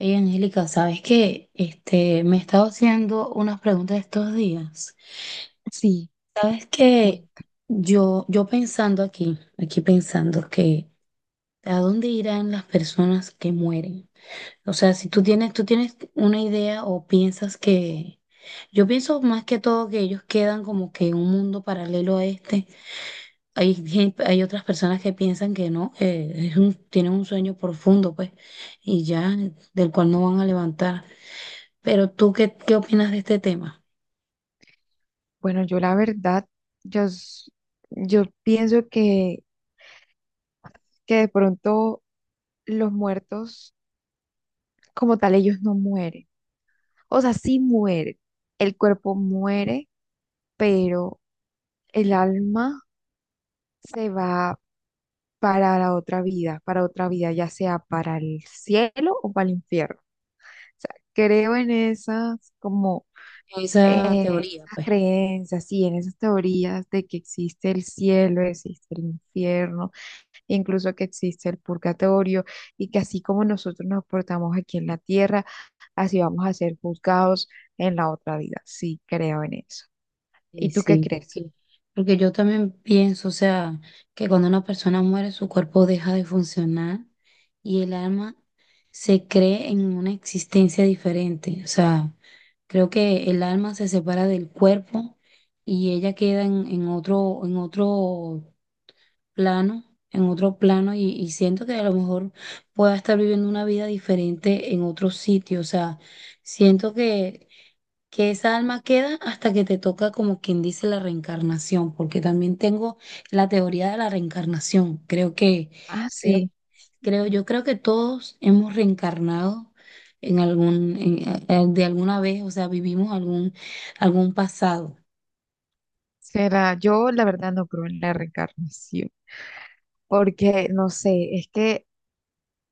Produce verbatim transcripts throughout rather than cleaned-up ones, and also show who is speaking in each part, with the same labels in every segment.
Speaker 1: Hey, Angélica, ¿sabes qué? Este, me he estado haciendo unas preguntas estos días.
Speaker 2: Sí,
Speaker 1: ¿Sabes qué?
Speaker 2: cuenta.
Speaker 1: Yo, yo pensando aquí, aquí pensando que ¿a dónde irán las personas que mueren? O sea, si tú tienes, tú tienes una idea o piensas que, yo pienso más que todo que ellos quedan como que en un mundo paralelo a este. Hay, gen- hay otras personas que piensan que no, que es un- tienen un sueño profundo, pues, y ya, del cual no van a levantar. Pero tú, ¿qué, qué opinas de este tema?
Speaker 2: Bueno, yo la verdad, yo, s- yo pienso que, que de pronto los muertos, como tal, ellos no mueren. O sea, sí mueren. El cuerpo muere, pero el alma se va para la otra vida, para otra vida, ya sea para el cielo o para el infierno. O sea, creo en esas, como,
Speaker 1: Esa
Speaker 2: eh, en
Speaker 1: teoría,
Speaker 2: esas
Speaker 1: pues.
Speaker 2: creencias, sí, en esas teorías de que existe el cielo, existe el infierno, incluso que existe el purgatorio, y que así como nosotros nos portamos aquí en la tierra, así vamos a ser juzgados en la otra vida. Sí, creo en eso.
Speaker 1: Sí,
Speaker 2: ¿Y tú qué
Speaker 1: sí,
Speaker 2: crees?
Speaker 1: porque, porque yo también pienso, o sea, que cuando una persona muere, su cuerpo deja de funcionar y el alma se cree en una existencia diferente. O sea, creo que el alma se separa del cuerpo y ella queda en, en otro, en otro plano, en otro plano y, y siento que a lo mejor pueda estar viviendo una vida diferente en otro sitio. O sea, siento que, que esa alma queda hasta que te toca como quien dice la reencarnación, porque también tengo la teoría de la reencarnación. Creo que,
Speaker 2: Ah,
Speaker 1: creo,
Speaker 2: sí,
Speaker 1: creo, yo creo que todos hemos reencarnado en algún, en- eh, de alguna vez, o sea, vivimos algún, algún pasado.
Speaker 2: será. Yo la verdad no creo en la reencarnación, porque no sé, es que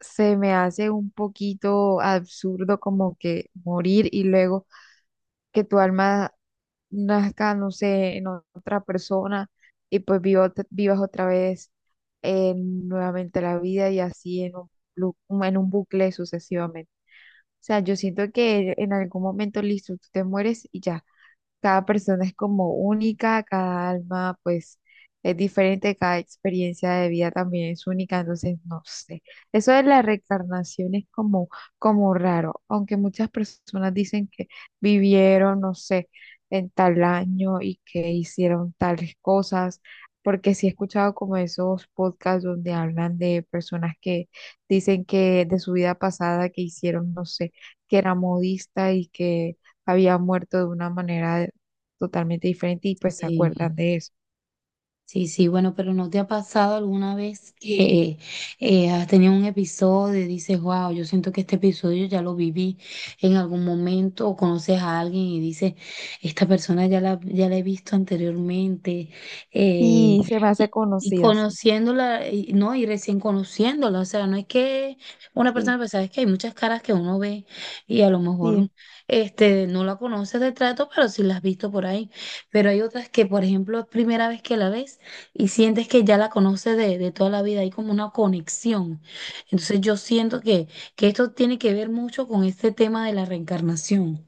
Speaker 2: se me hace un poquito absurdo como que morir y luego que tu alma nazca, no sé, en otra persona y pues vivo- vivas otra vez eh, nuevamente la vida y así en un, lu- en un bucle sucesivamente. O sea, yo siento que en algún momento, listo, tú te mueres y ya. Cada persona es como única, cada alma pues es diferente, cada experiencia de vida también es única, entonces no sé. Eso de la reencarnación es como, como raro, aunque muchas personas dicen que vivieron, no sé, en tal año y que hicieron tales cosas, porque sí he escuchado como esos podcasts donde hablan de personas que dicen que de su vida pasada que hicieron, no sé, que era modista y que había muerto de una manera totalmente diferente y pues se
Speaker 1: Eh,
Speaker 2: acuerdan de eso.
Speaker 1: Sí, sí, bueno, pero ¿no te ha pasado alguna vez que eh, has tenido un episodio y dices, wow, yo siento que este episodio ya lo viví en algún momento, o conoces a alguien y dices, esta persona ya la, ya la, he visto anteriormente, eh,
Speaker 2: Sí, se me hace
Speaker 1: y, y
Speaker 2: conocida, sí,
Speaker 1: conociéndola, y- no, y recién conociéndola, o sea, no es que una
Speaker 2: sí,
Speaker 1: persona, pues sabes que hay muchas caras que uno ve y a lo
Speaker 2: sí,
Speaker 1: mejor este, no la conoces de trato, pero sí la has visto por ahí. Pero hay otras que, por ejemplo, es primera vez que la ves y sientes que ya la conoces de, de toda la vida, hay como una conexión. Entonces yo siento que, que esto tiene que ver mucho con este tema de la reencarnación.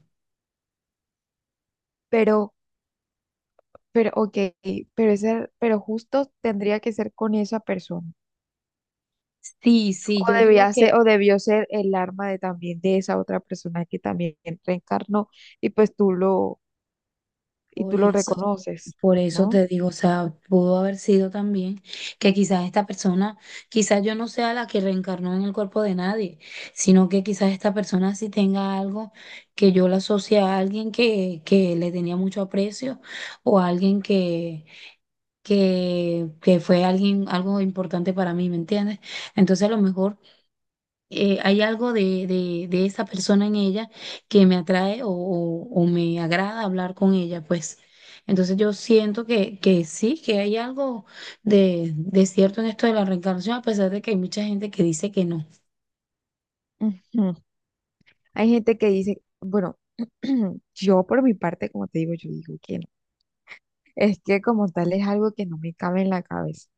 Speaker 2: pero, pero, ok, pero, ese, pero justo tendría que ser con esa persona.
Speaker 1: Sí, sí,
Speaker 2: O
Speaker 1: yo
Speaker 2: debía
Speaker 1: digo
Speaker 2: ser,
Speaker 1: que
Speaker 2: o debió ser el arma de también de esa otra persona que también reencarnó y pues tú lo, y
Speaker 1: por
Speaker 2: tú lo
Speaker 1: eso,
Speaker 2: reconoces,
Speaker 1: por eso
Speaker 2: ¿no?
Speaker 1: te digo, o sea, pudo haber sido también que quizás esta persona, quizás yo no sea la que reencarnó en el cuerpo de nadie, sino que quizás esta persona sí tenga algo que yo la asocie a alguien que, que le tenía mucho aprecio o a alguien que que, que fue alguien, algo importante para mí, ¿me entiendes? Entonces a lo mejor eh, hay algo de, de, de esa persona en ella que me atrae o, o- o me agrada hablar con ella, pues. Entonces yo siento que, que sí, que hay algo de, de cierto en esto de la reencarnación, a pesar de que hay mucha gente que dice que no.
Speaker 2: Ujú. Hay gente que dice, bueno, yo por mi parte, como te digo, yo digo que no. Es que como tal es algo que no me cabe en la cabeza.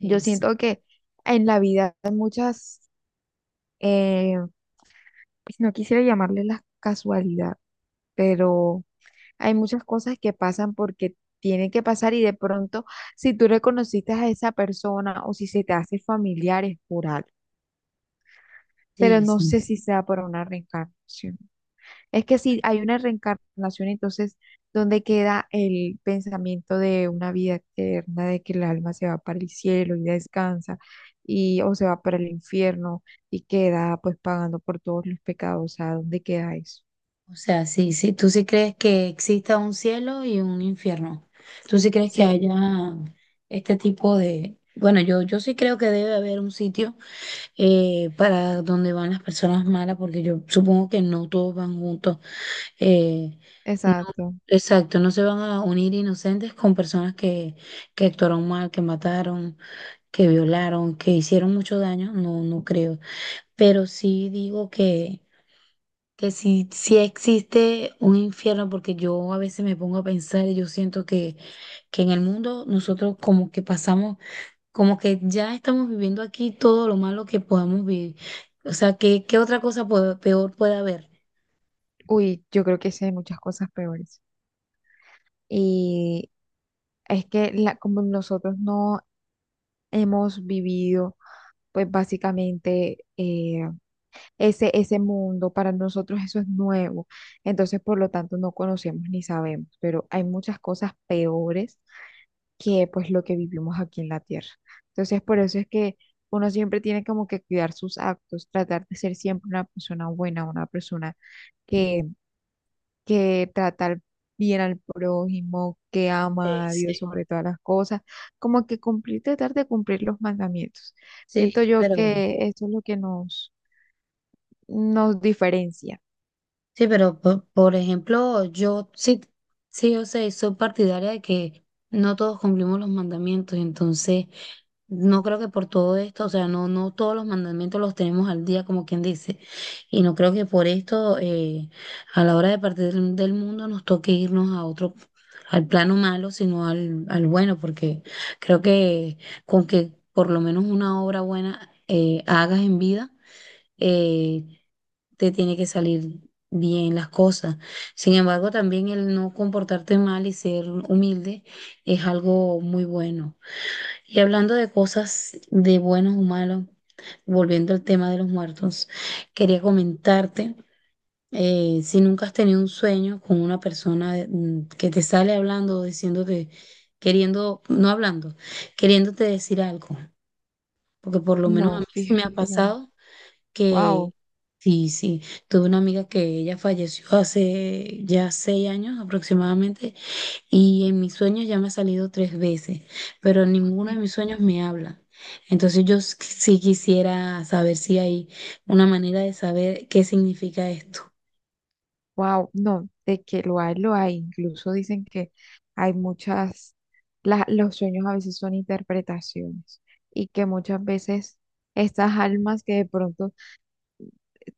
Speaker 2: Yo
Speaker 1: Eh,
Speaker 2: siento que en la vida hay muchas, eh, pues no quisiera llamarle la casualidad, pero hay muchas cosas que pasan porque tienen que pasar y de pronto si tú reconociste a esa persona o si se te hace familiar es por algo, pero
Speaker 1: sí,
Speaker 2: no
Speaker 1: sí,
Speaker 2: sé
Speaker 1: sí.
Speaker 2: si sea por una reencarnación. Es que si hay una reencarnación, entonces, ¿dónde queda el pensamiento de una vida eterna, de que el alma se va para el cielo y descansa, y, o se va para el infierno y queda pues pagando por todos los pecados? O sea, ¿dónde queda eso?
Speaker 1: O sea, sí, sí, tú sí crees que exista un cielo y un infierno. Tú sí crees que
Speaker 2: Sí,
Speaker 1: haya este tipo de... Bueno, yo, yo sí creo que debe haber un sitio eh, para donde van las personas malas, porque yo supongo que no todos van juntos. eh, no,
Speaker 2: exacto.
Speaker 1: exacto, no se van a unir inocentes con personas que, que actuaron mal, que mataron, que violaron, que hicieron mucho daño. No, no creo. Pero sí digo que que si, si existe un infierno, porque yo a veces me pongo a pensar y yo siento que, que en el mundo nosotros como que pasamos, como que ya estamos viviendo aquí todo lo malo que podamos vivir. O sea, ¿qué, qué otra cosa puede- peor puede haber?
Speaker 2: Uy, yo creo que sí hay muchas cosas peores. Y es que la, como nosotros no hemos vivido, pues básicamente eh, ese, ese mundo, para nosotros eso es nuevo. Entonces, por lo tanto, no conocemos ni sabemos, pero hay muchas cosas peores que pues lo que vivimos aquí en la Tierra. Entonces, por eso es que uno siempre tiene como que cuidar sus actos, tratar de ser siempre una persona buena, una persona que, que tratar bien al prójimo, que
Speaker 1: Sí,
Speaker 2: ama a Dios
Speaker 1: sí.
Speaker 2: sobre todas las cosas, como que cumplir, tratar de cumplir los mandamientos.
Speaker 1: Sí,
Speaker 2: Siento yo
Speaker 1: pero
Speaker 2: que eso es lo que nos, nos diferencia.
Speaker 1: Sí, pero po- por ejemplo, yo sí, sí, o sea, soy partidaria de que no todos cumplimos los mandamientos, entonces no creo que por todo esto, o sea, no, no todos los mandamientos los tenemos al día, como quien dice, y no creo que por esto eh, a la hora de partir del mundo nos toque irnos a otro, al plano malo, sino al, al bueno, porque creo que con que por lo menos una obra buena eh, hagas en vida. eh, Te tiene que salir bien las cosas. Sin embargo, también el no comportarte mal y ser humilde es algo muy bueno. Y hablando de cosas de buenos o malos, volviendo al tema de los muertos, quería comentarte. Eh, si nunca has tenido un sueño con una persona de- mm, que te sale hablando, o diciéndote, queriendo, no hablando, queriéndote decir algo, porque por lo menos a
Speaker 2: No,
Speaker 1: mí sí me ha
Speaker 2: fíjate que no.
Speaker 1: pasado
Speaker 2: Wow,
Speaker 1: que sí, sí, tuve una amiga que ella falleció hace ya seis años aproximadamente y en mis sueños ya me ha salido tres veces, pero ninguno de mis sueños me habla. Entonces yo s- sí quisiera saber si hay una manera de saber qué significa esto.
Speaker 2: wow, no, de que lo hay, lo hay. Incluso dicen que hay muchas, la- los sueños a veces son interpretaciones y que muchas veces estas almas que de pronto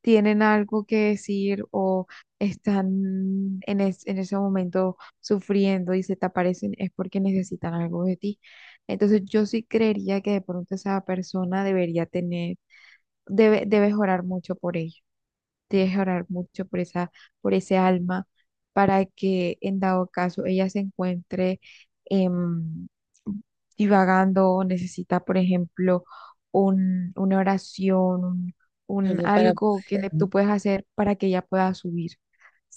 Speaker 2: tienen algo que decir o están en, es- en ese momento sufriendo y se te aparecen es porque necesitan algo de ti. Entonces yo sí creería que de pronto esa persona debería tener, debe, debes orar mucho por ella. Tienes que orar mucho por esa, por ese alma para que en dado caso ella se encuentre em, divagando o necesita, por ejemplo, un, una oración, un, un
Speaker 1: Algo para
Speaker 2: algo que le-
Speaker 1: poder.
Speaker 2: tú puedes hacer para que ella pueda subir.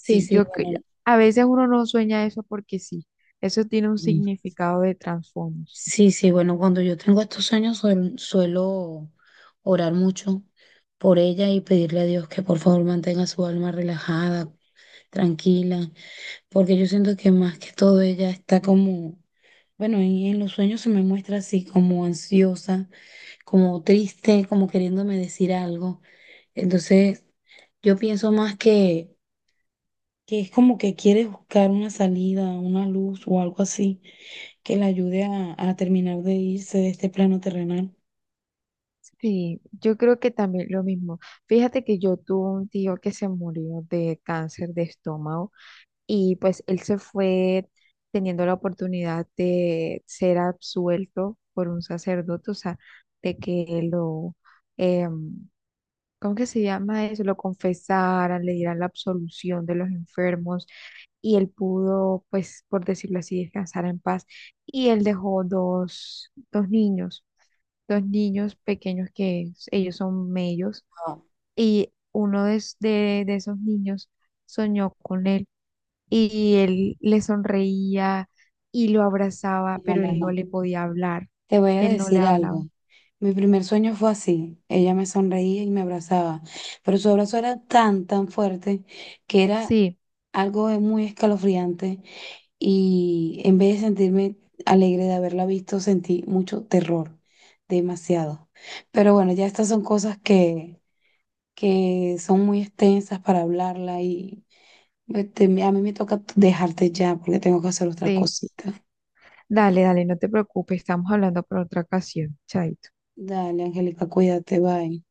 Speaker 1: Sí, sí,
Speaker 2: yo que
Speaker 1: bueno.
Speaker 2: a veces uno no sueña eso porque sí, eso tiene un
Speaker 1: Sí,
Speaker 2: significado de trasfondo. Sí,
Speaker 1: sí, sí, bueno, cuando yo tengo estos sueños suel- suelo orar mucho por ella y pedirle a Dios que por favor mantenga su alma relajada, tranquila, porque yo siento que más que todo ella está como, bueno, y en los sueños se me muestra así como ansiosa, como triste, como queriéndome decir algo. Entonces, yo pienso más que, que es como que quiere buscar una salida, una luz o algo así que la ayude a, a terminar de irse de este plano terrenal.
Speaker 2: sí, yo creo que también lo mismo. Fíjate que yo tuve un tío que se murió de cáncer de estómago y pues él se fue teniendo la oportunidad de ser absuelto por un sacerdote, o sea, de que lo, em, ¿cómo que se llama eso? Lo confesaran, le dieran la absolución de los enfermos y él pudo, pues, por decirlo así, descansar en paz. Y él dejó dos, dos niños, dos niños pequeños que s- ellos son mellos,
Speaker 1: No,
Speaker 2: y uno de, es- de, de esos niños soñó con él y él le sonreía y lo abrazaba,
Speaker 1: no,
Speaker 2: pero
Speaker 1: no,
Speaker 2: él no
Speaker 1: no.
Speaker 2: le podía hablar,
Speaker 1: Te voy a
Speaker 2: él no le
Speaker 1: decir
Speaker 2: hablaba.
Speaker 1: algo. Mi primer sueño fue así. Ella me sonreía y me abrazaba, pero su abrazo era tan, tan fuerte que era
Speaker 2: Sí,
Speaker 1: algo de muy escalofriante y en vez de sentirme alegre de haberla visto, sentí mucho terror, demasiado. Pero bueno, ya estas son cosas que, que son muy extensas para hablarla y este, a mí me toca dejarte ya porque tengo que hacer otras
Speaker 2: sí,
Speaker 1: cositas.
Speaker 2: dale, dale, no te preocupes, estamos hablando por otra ocasión, chaito.
Speaker 1: Dale, Angélica, cuídate, bye.